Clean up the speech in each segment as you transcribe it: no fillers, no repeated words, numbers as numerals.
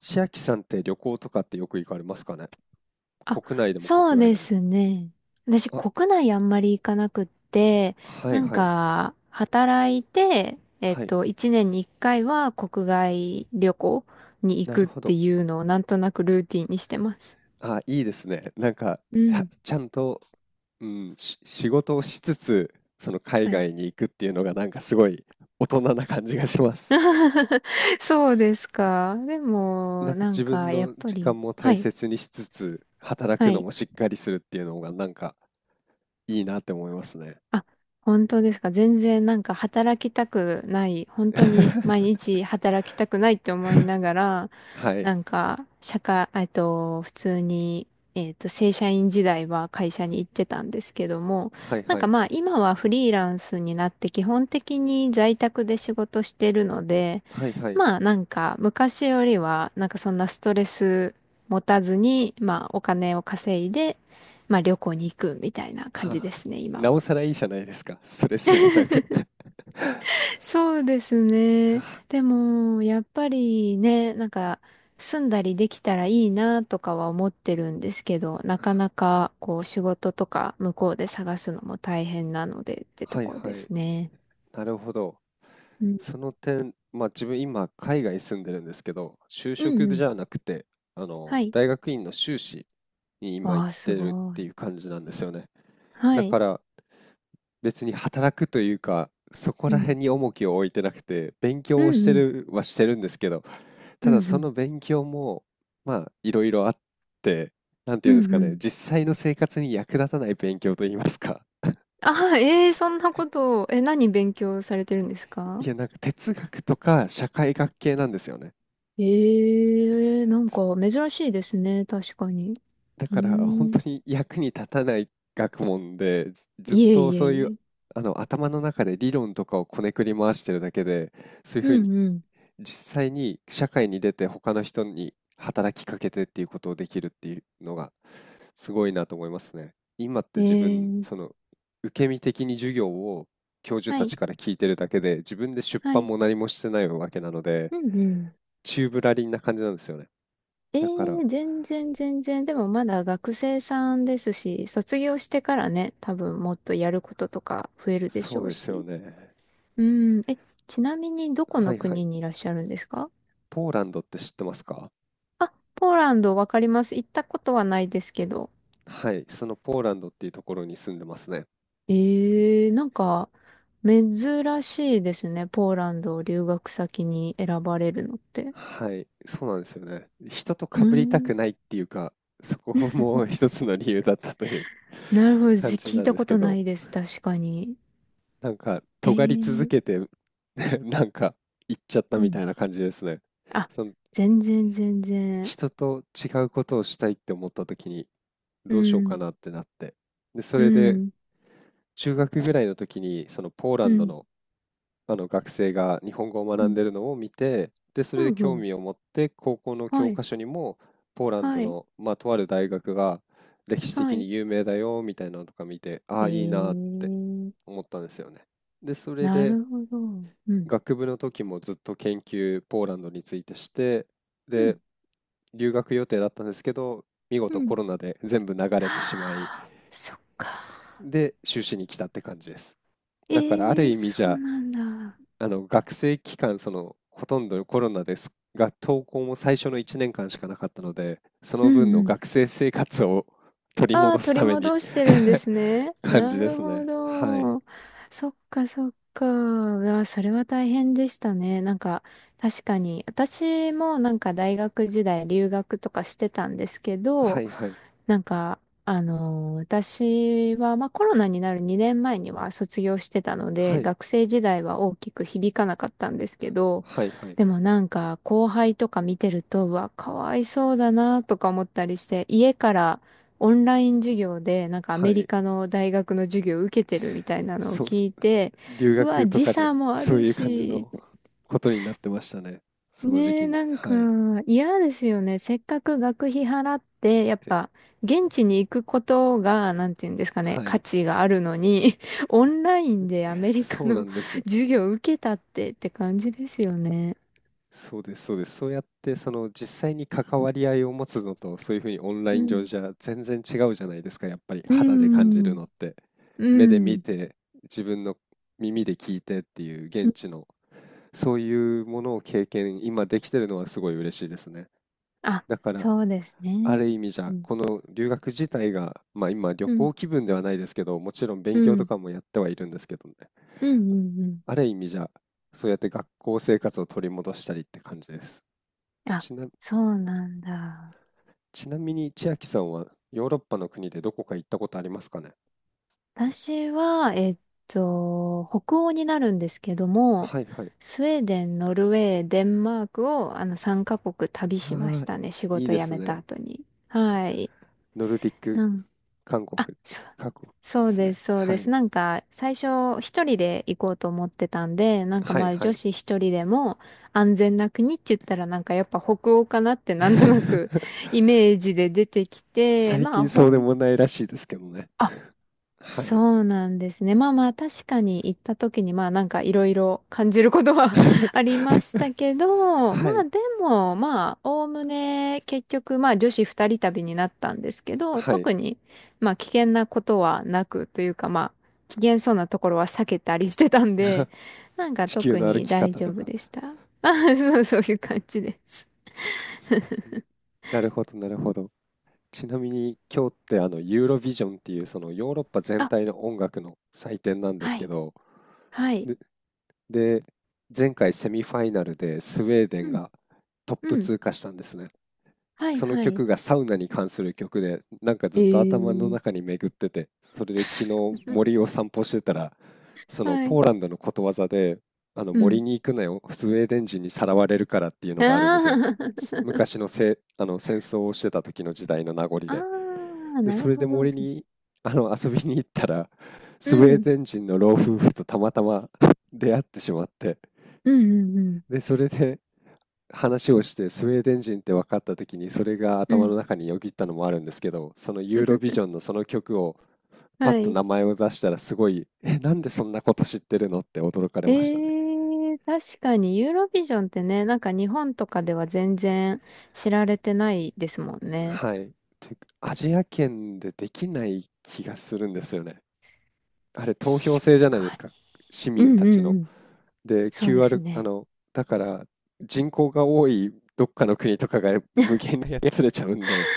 千秋さんって旅行とかってよく行かれますかね、あ、国内でもそう国外ででも？すね。私、あ、国内あんまり行かなくって、はいなんはいか、働いて、はい。一年に一回は国外旅行に行なくるっほてど。いうのをなんとなくルーティンにしてます。あ、いいですね。なんか、う はん。ちゃんと、うん、仕事をしつつ、その海はい。外に行くっていうのがなんかすごい大人な感じがします。そうですか。でなんも、かなん自分か、やっのぱ時り、間もは大い。切にしつつ、働はくのい。もしっかりするっていうのがなんかいいなって思いますね。あ、本当ですか。全然なんか働きたくない、本当に毎 日働きたくないって思いながら、はい。なんか社会、普通に、正社員時代は会社に行ってたんですけども、はいなんはかい。まあ今はフリーランスになって基本的に在宅で仕事してるので、はいはい。まあなんか昔よりはなんかそんなストレス持たずに、まあお金を稼いで、まあ旅行に行くみたいな感じはであ、すね、今なおは。さらいいじゃないですか。ストレスもなく。そうですね。でも、やっぱりね、なんか、住んだりできたらいいなとかは思ってるんですけど、なかなか、こう、仕事とか向こうで探すのも大変なのでってとはいこはでい。すね。なるほど。うん。その点、まあ自分今海外住んでるんですけど、就うん職うじん。ゃなくて、はい。大学院の修士に今わ行っあ、すてるっごてい。いう感じなんですよね。はだかい。ら別に働くというか、そこうらん。辺に重きを置いてなくて、勉う強をしんてうん。るはしてるんですけど、うたんだうそん。の勉強も、まあいろいろあって、なんてういうんですんかうね、ん。実際の生活に役立たない勉強といいますか、ああ、ええそんなことを、え、何勉強されてるんですか？いや、なんか哲学とか社会学系なんですよね。ええなんかつ珍しいですね、確かに。だうーから本当ん。に役に立たない学問で、ずずっいえといえそういいうえ。あの頭の中で理論とかをこねくり回してるだけで、そういううふうにんうん。実際に社会に出て他の人に働きかけてっていうことをできるっていうのがすごいなと思いますね。今っえて自分、ー、その受け身的に授業を教授はたい、ちから聞いてるだけで、自分で出は版い。も何もしてないわけなので、うんうん。宙ぶらりんな感じなんですよね。えだから、ー、全然全然。でもまだ学生さんですし、卒業してからね、多分もっとやることとか増えるでしそょううですよし。ね。うん。え、ちなみにどこはのいはい。国にいらっしゃるんですか？ポーランドって知ってますか？あ、ポーランドわかります。行ったことはないですけど。はい。そのポーランドっていうところに住んでますね。えー、なんか、珍しいですね。ポーランドを留学先に選ばれるのって。はい。そうなんですよね。人と被うりたくん。ないっていうか、そこも 一つの理由だったという なるほ ど。感じ聞ないんたでこすけとなど、いです。確かに。なんか、え尖り続ー、けて なんか、行っちゃったうみたん。いな感じですね。あ、その、全然全然。人と違うことをしたいって思った時に、うどうしようかん、なってなって。で、そうれでん、中学ぐらいの時にそのポーラうンドん、の、あの学生が日本語をう学んん、でるのを見て、で、そうれでん、う興ん。味を持って高校のは教い、科書にもポーランはドい、の、まあ、とある大学が歴史は的い。に有名だよみたいなのとか見て、あえあ、いいなーってー、思ったんですよね。で、それなでるほど。うん、学部の時もずっと研究ポーランドについてして、うん、で、留学予定だったんですけど、見う事コん。ロナで全部流 れてしまい、はあそっか。で、修士に来たって感じです。えだからあるー、意味そじうゃなんだ。あの学生期間、そのほとんどコロナですが、登校も最初の1年間しかなかったので、そうの分ん、うのん。学生生活を 取りあ戻あ、す取りために 戻してるんで すね。感なじでるすほね。はい。ど。そっかそっか。ああ、それは大変でしたね。なんか、確かに。私もなんか大学時代留学とかしてたんですけはど、いはい。なんか、私は、まあ、コロナになる2年前には卒業してたのはで、い。学生時代は大きく響かなかったんですけど、はいはい。でもなんか後輩とか見てると、うわ、かわいそうだなとか思ったりして、家からオンライン授業でなんかアはメリい。カの大学の授業を受けてるみたいなのをそう、聞いて、留うわ、学と時かで、差もあそうるいう感じし、のことになってましたね。その時ねえ、期に。なんかはい。嫌ですよね。せっかく学費払って、やっえぱ現地に行くことが、なんていうんですかはね、価い。値があるのに、オンラインでアメリカそうなの んです よ。授業を受けたって感じですよね。そうです、そうです。そうやって、その実際に関わり合いを持つのと、そういうふうにオンラうイン上ん。じゃ全然違うじゃないですか、やっぱりう肌で感じるん。のって。う目で見ん。て、自分の耳で聞いてっていうう現ん。地の、そういうものを経験、今できてるのはすごい嬉しいですね。あ、だから、そうですあね。る意味じうゃ、ん。この留学自体が、まあ今旅うん。行気分ではないですけど、もちろんう勉強とん。かもやってはいるんですけどね。うん。うん。うん。ある意味じゃ、そうやって学校生活を取り戻したりって感じです。あ、ちなそうなんだ。ちなみに千秋さんはヨーロッパの国でどこか行ったことありますかね？私は、北欧になるんですけども、はいはい。スウェーデン、ノルウェー、デンマークを、3カ国旅あしましあ、たね。仕いい事で辞すめたね。後に。はい。ノルディック、なん、韓国、あ、そう、韓国そでうすでね。す、そうはです。い。なんか、最初、一人で行こうと思ってたんで、なんかはまいあ、は女い。子一人でも安全な国って言ったら、なんかやっぱ北欧かなってなんとなく イメージで出てきて、最まあ、近そうでもないらしいですけどね。あ、はそい。うなんですね。まあまあ確かに行った時にまあなんかいろいろ感じることは ありましたけ ど、まはあい。でもまあおおむね結局まあ女子二人旅になったんですけど、はい。特にまあ危険なことはなくというかまあ危険そうなところは避けたりしてたんで、なん か地球特の歩にき大方丈と夫か。でした。あ、そう、そういう感じです。なるほど、なるほど。ちなみに今日ってあのユーロビジョンっていうそのヨーロッパ全あ、体の音楽の祭典なんではすけい、ど、はい、で、前回セミファイナルでスウェーデうンん、がトップうん、通過したんですね。はい、そのはい。曲がサウナに関する曲で、なんかずえっと頭のー、中に巡ってて、それで昨日 森を散歩してたら、そのはポい、ーランドのことわざで、あのう森ん。に行くなよ、スウェーデン人にさらわれるからっていうのあがあるんですよ。すー 昔のせ、あの戦争をしてた時の時代の名残 あで。ー、で、なそるれでほど。森にあの遊びに行ったら、うスウェーん。デン人の老夫婦とたまたま 出会ってしまって、うんうんうん。で、それで話をしてスウェーデン人って分かった時にそれがう頭ん。の中によぎったのもあるんですけど、そのユーロビジョ ンのその曲をパッはとい。名前を出したらすごい、え、なんでそんなこと知ってるのって驚かれましたね。えー、確かにユーロビジョンってね、なんか日本とかでは全然知られてないですもんね。はい。というかアジア圏でできない気がするんですよね。あれ投票確制じゃないでかすに。か、市う民んたうちんの。うん。で、そうです QR、ね。だから人口が多いどっかの国とかが無 限にやつれちゃうんで、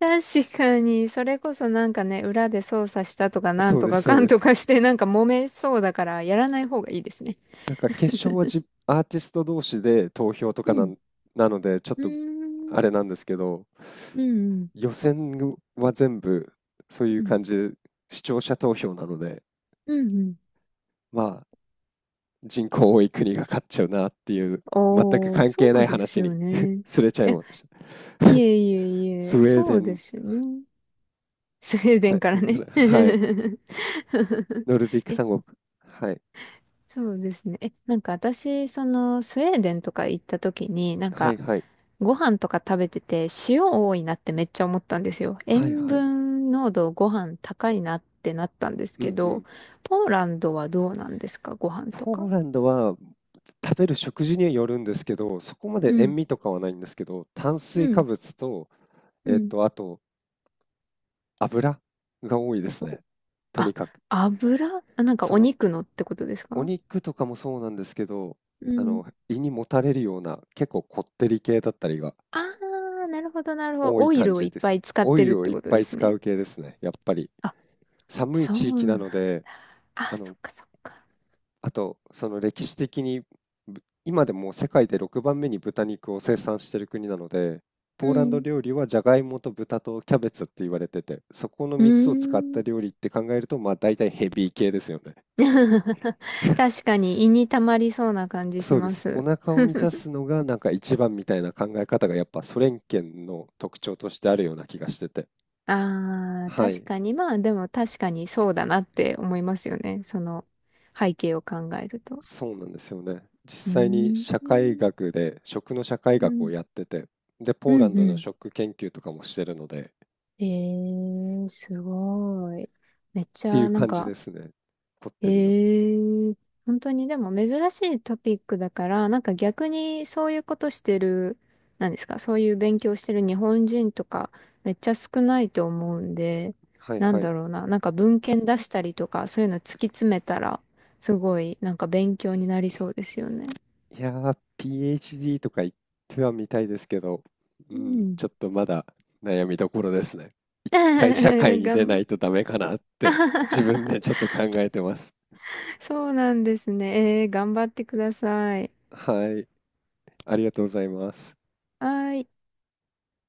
確かに、それこそなんかね、裏で操作したとかなんそうとです、かそかうんでとす。かしてなんか揉めそうだからやらない方がいいですね。なんか決勝はアーティスト同士で投票とうかん。なので、ちょっうーとあん。れなんですけど、うんうん。予選は全部そういううん。感じで視聴者投票なので、うんうん。まあ人口多い国が勝っちゃうなっていう、ああ、全く関そ係なういです話よに ね。すれちゃいいや、ました。いえいえい スえ、ウェーそデうでン、すよね。スウェーデはンい、からね。で はい、ノルディックえ、三国、はい、そうですね。え、なんか私、その、スウェーデンとか行った時に、なんはい、か、はい、ご飯とか食べてて、塩多いなってめっちゃ思ったんですよ。はい、塩はい、分濃度ご飯高いなってなったんですうけん、うど、ん。ポーランドはどうなんですか？ご飯とポか。ーランドは食べる食事によるんですけど、そこまうで塩ん、味とかはないんですけど、炭水う化ん、物と、うん。あと油が多いですね。とにあ、かく。油あ、なんかそおの肉のってことですおか？肉とかもそうなんですけど、うあん。の胃にもたれるような結構こってり系だったりがああ、なるほど、なるほど。多いオイ感ルをじいっでぱす。い使っオてイるっルをていっことぱでいす使ね。う系ですね。やっぱりあ、寒いそ地域なうのな。で、あ、あそっのかそっか。あと、その歴史的に今でも世界で6番目に豚肉を生産している国なので、うポーランドん。料理はじゃがいもと豚とキャベツって言われてて、そこのうー3つを使ったん。料理って考えると、まあ大体ヘビー系ですよね。確かに胃に溜まりそうな感じしそうでます。おす。腹を満た すのがなんか一番みたいな考え方がやっぱソ連圏の特徴としてあるような気がしてて。ああ、は確い。かに。まあでも確かにそうだなって思いますよね。その背景を考えると。そうなんですよね。実うー際にん。社う会ん。学で食の社会学をやってて、で、うポーランんうドのん。食研究とかもしてるので、えー、すごい。めっちていゃ、うなん感じか、ですね。こっえてりの。ー、本当にでも珍しいトピックだから、なんか逆にそういうことしてる、なんですか、そういう勉強してる日本人とか、めっちゃ少ないと思うんで、はいなんはい。だろうな、なんか文献出したりとか、そういうの突き詰めたら、すごい、なんか勉強になりそうですよね。いやー、PhD とか言ってはみたいですけど、ううん、ん。ちょっとまだ悩みどころですね。社会 にが出なん いとダメかなって自分で ちょっと考えてます。そうなんですね。えー、頑張ってください。はい、ありがとうございます。はーい。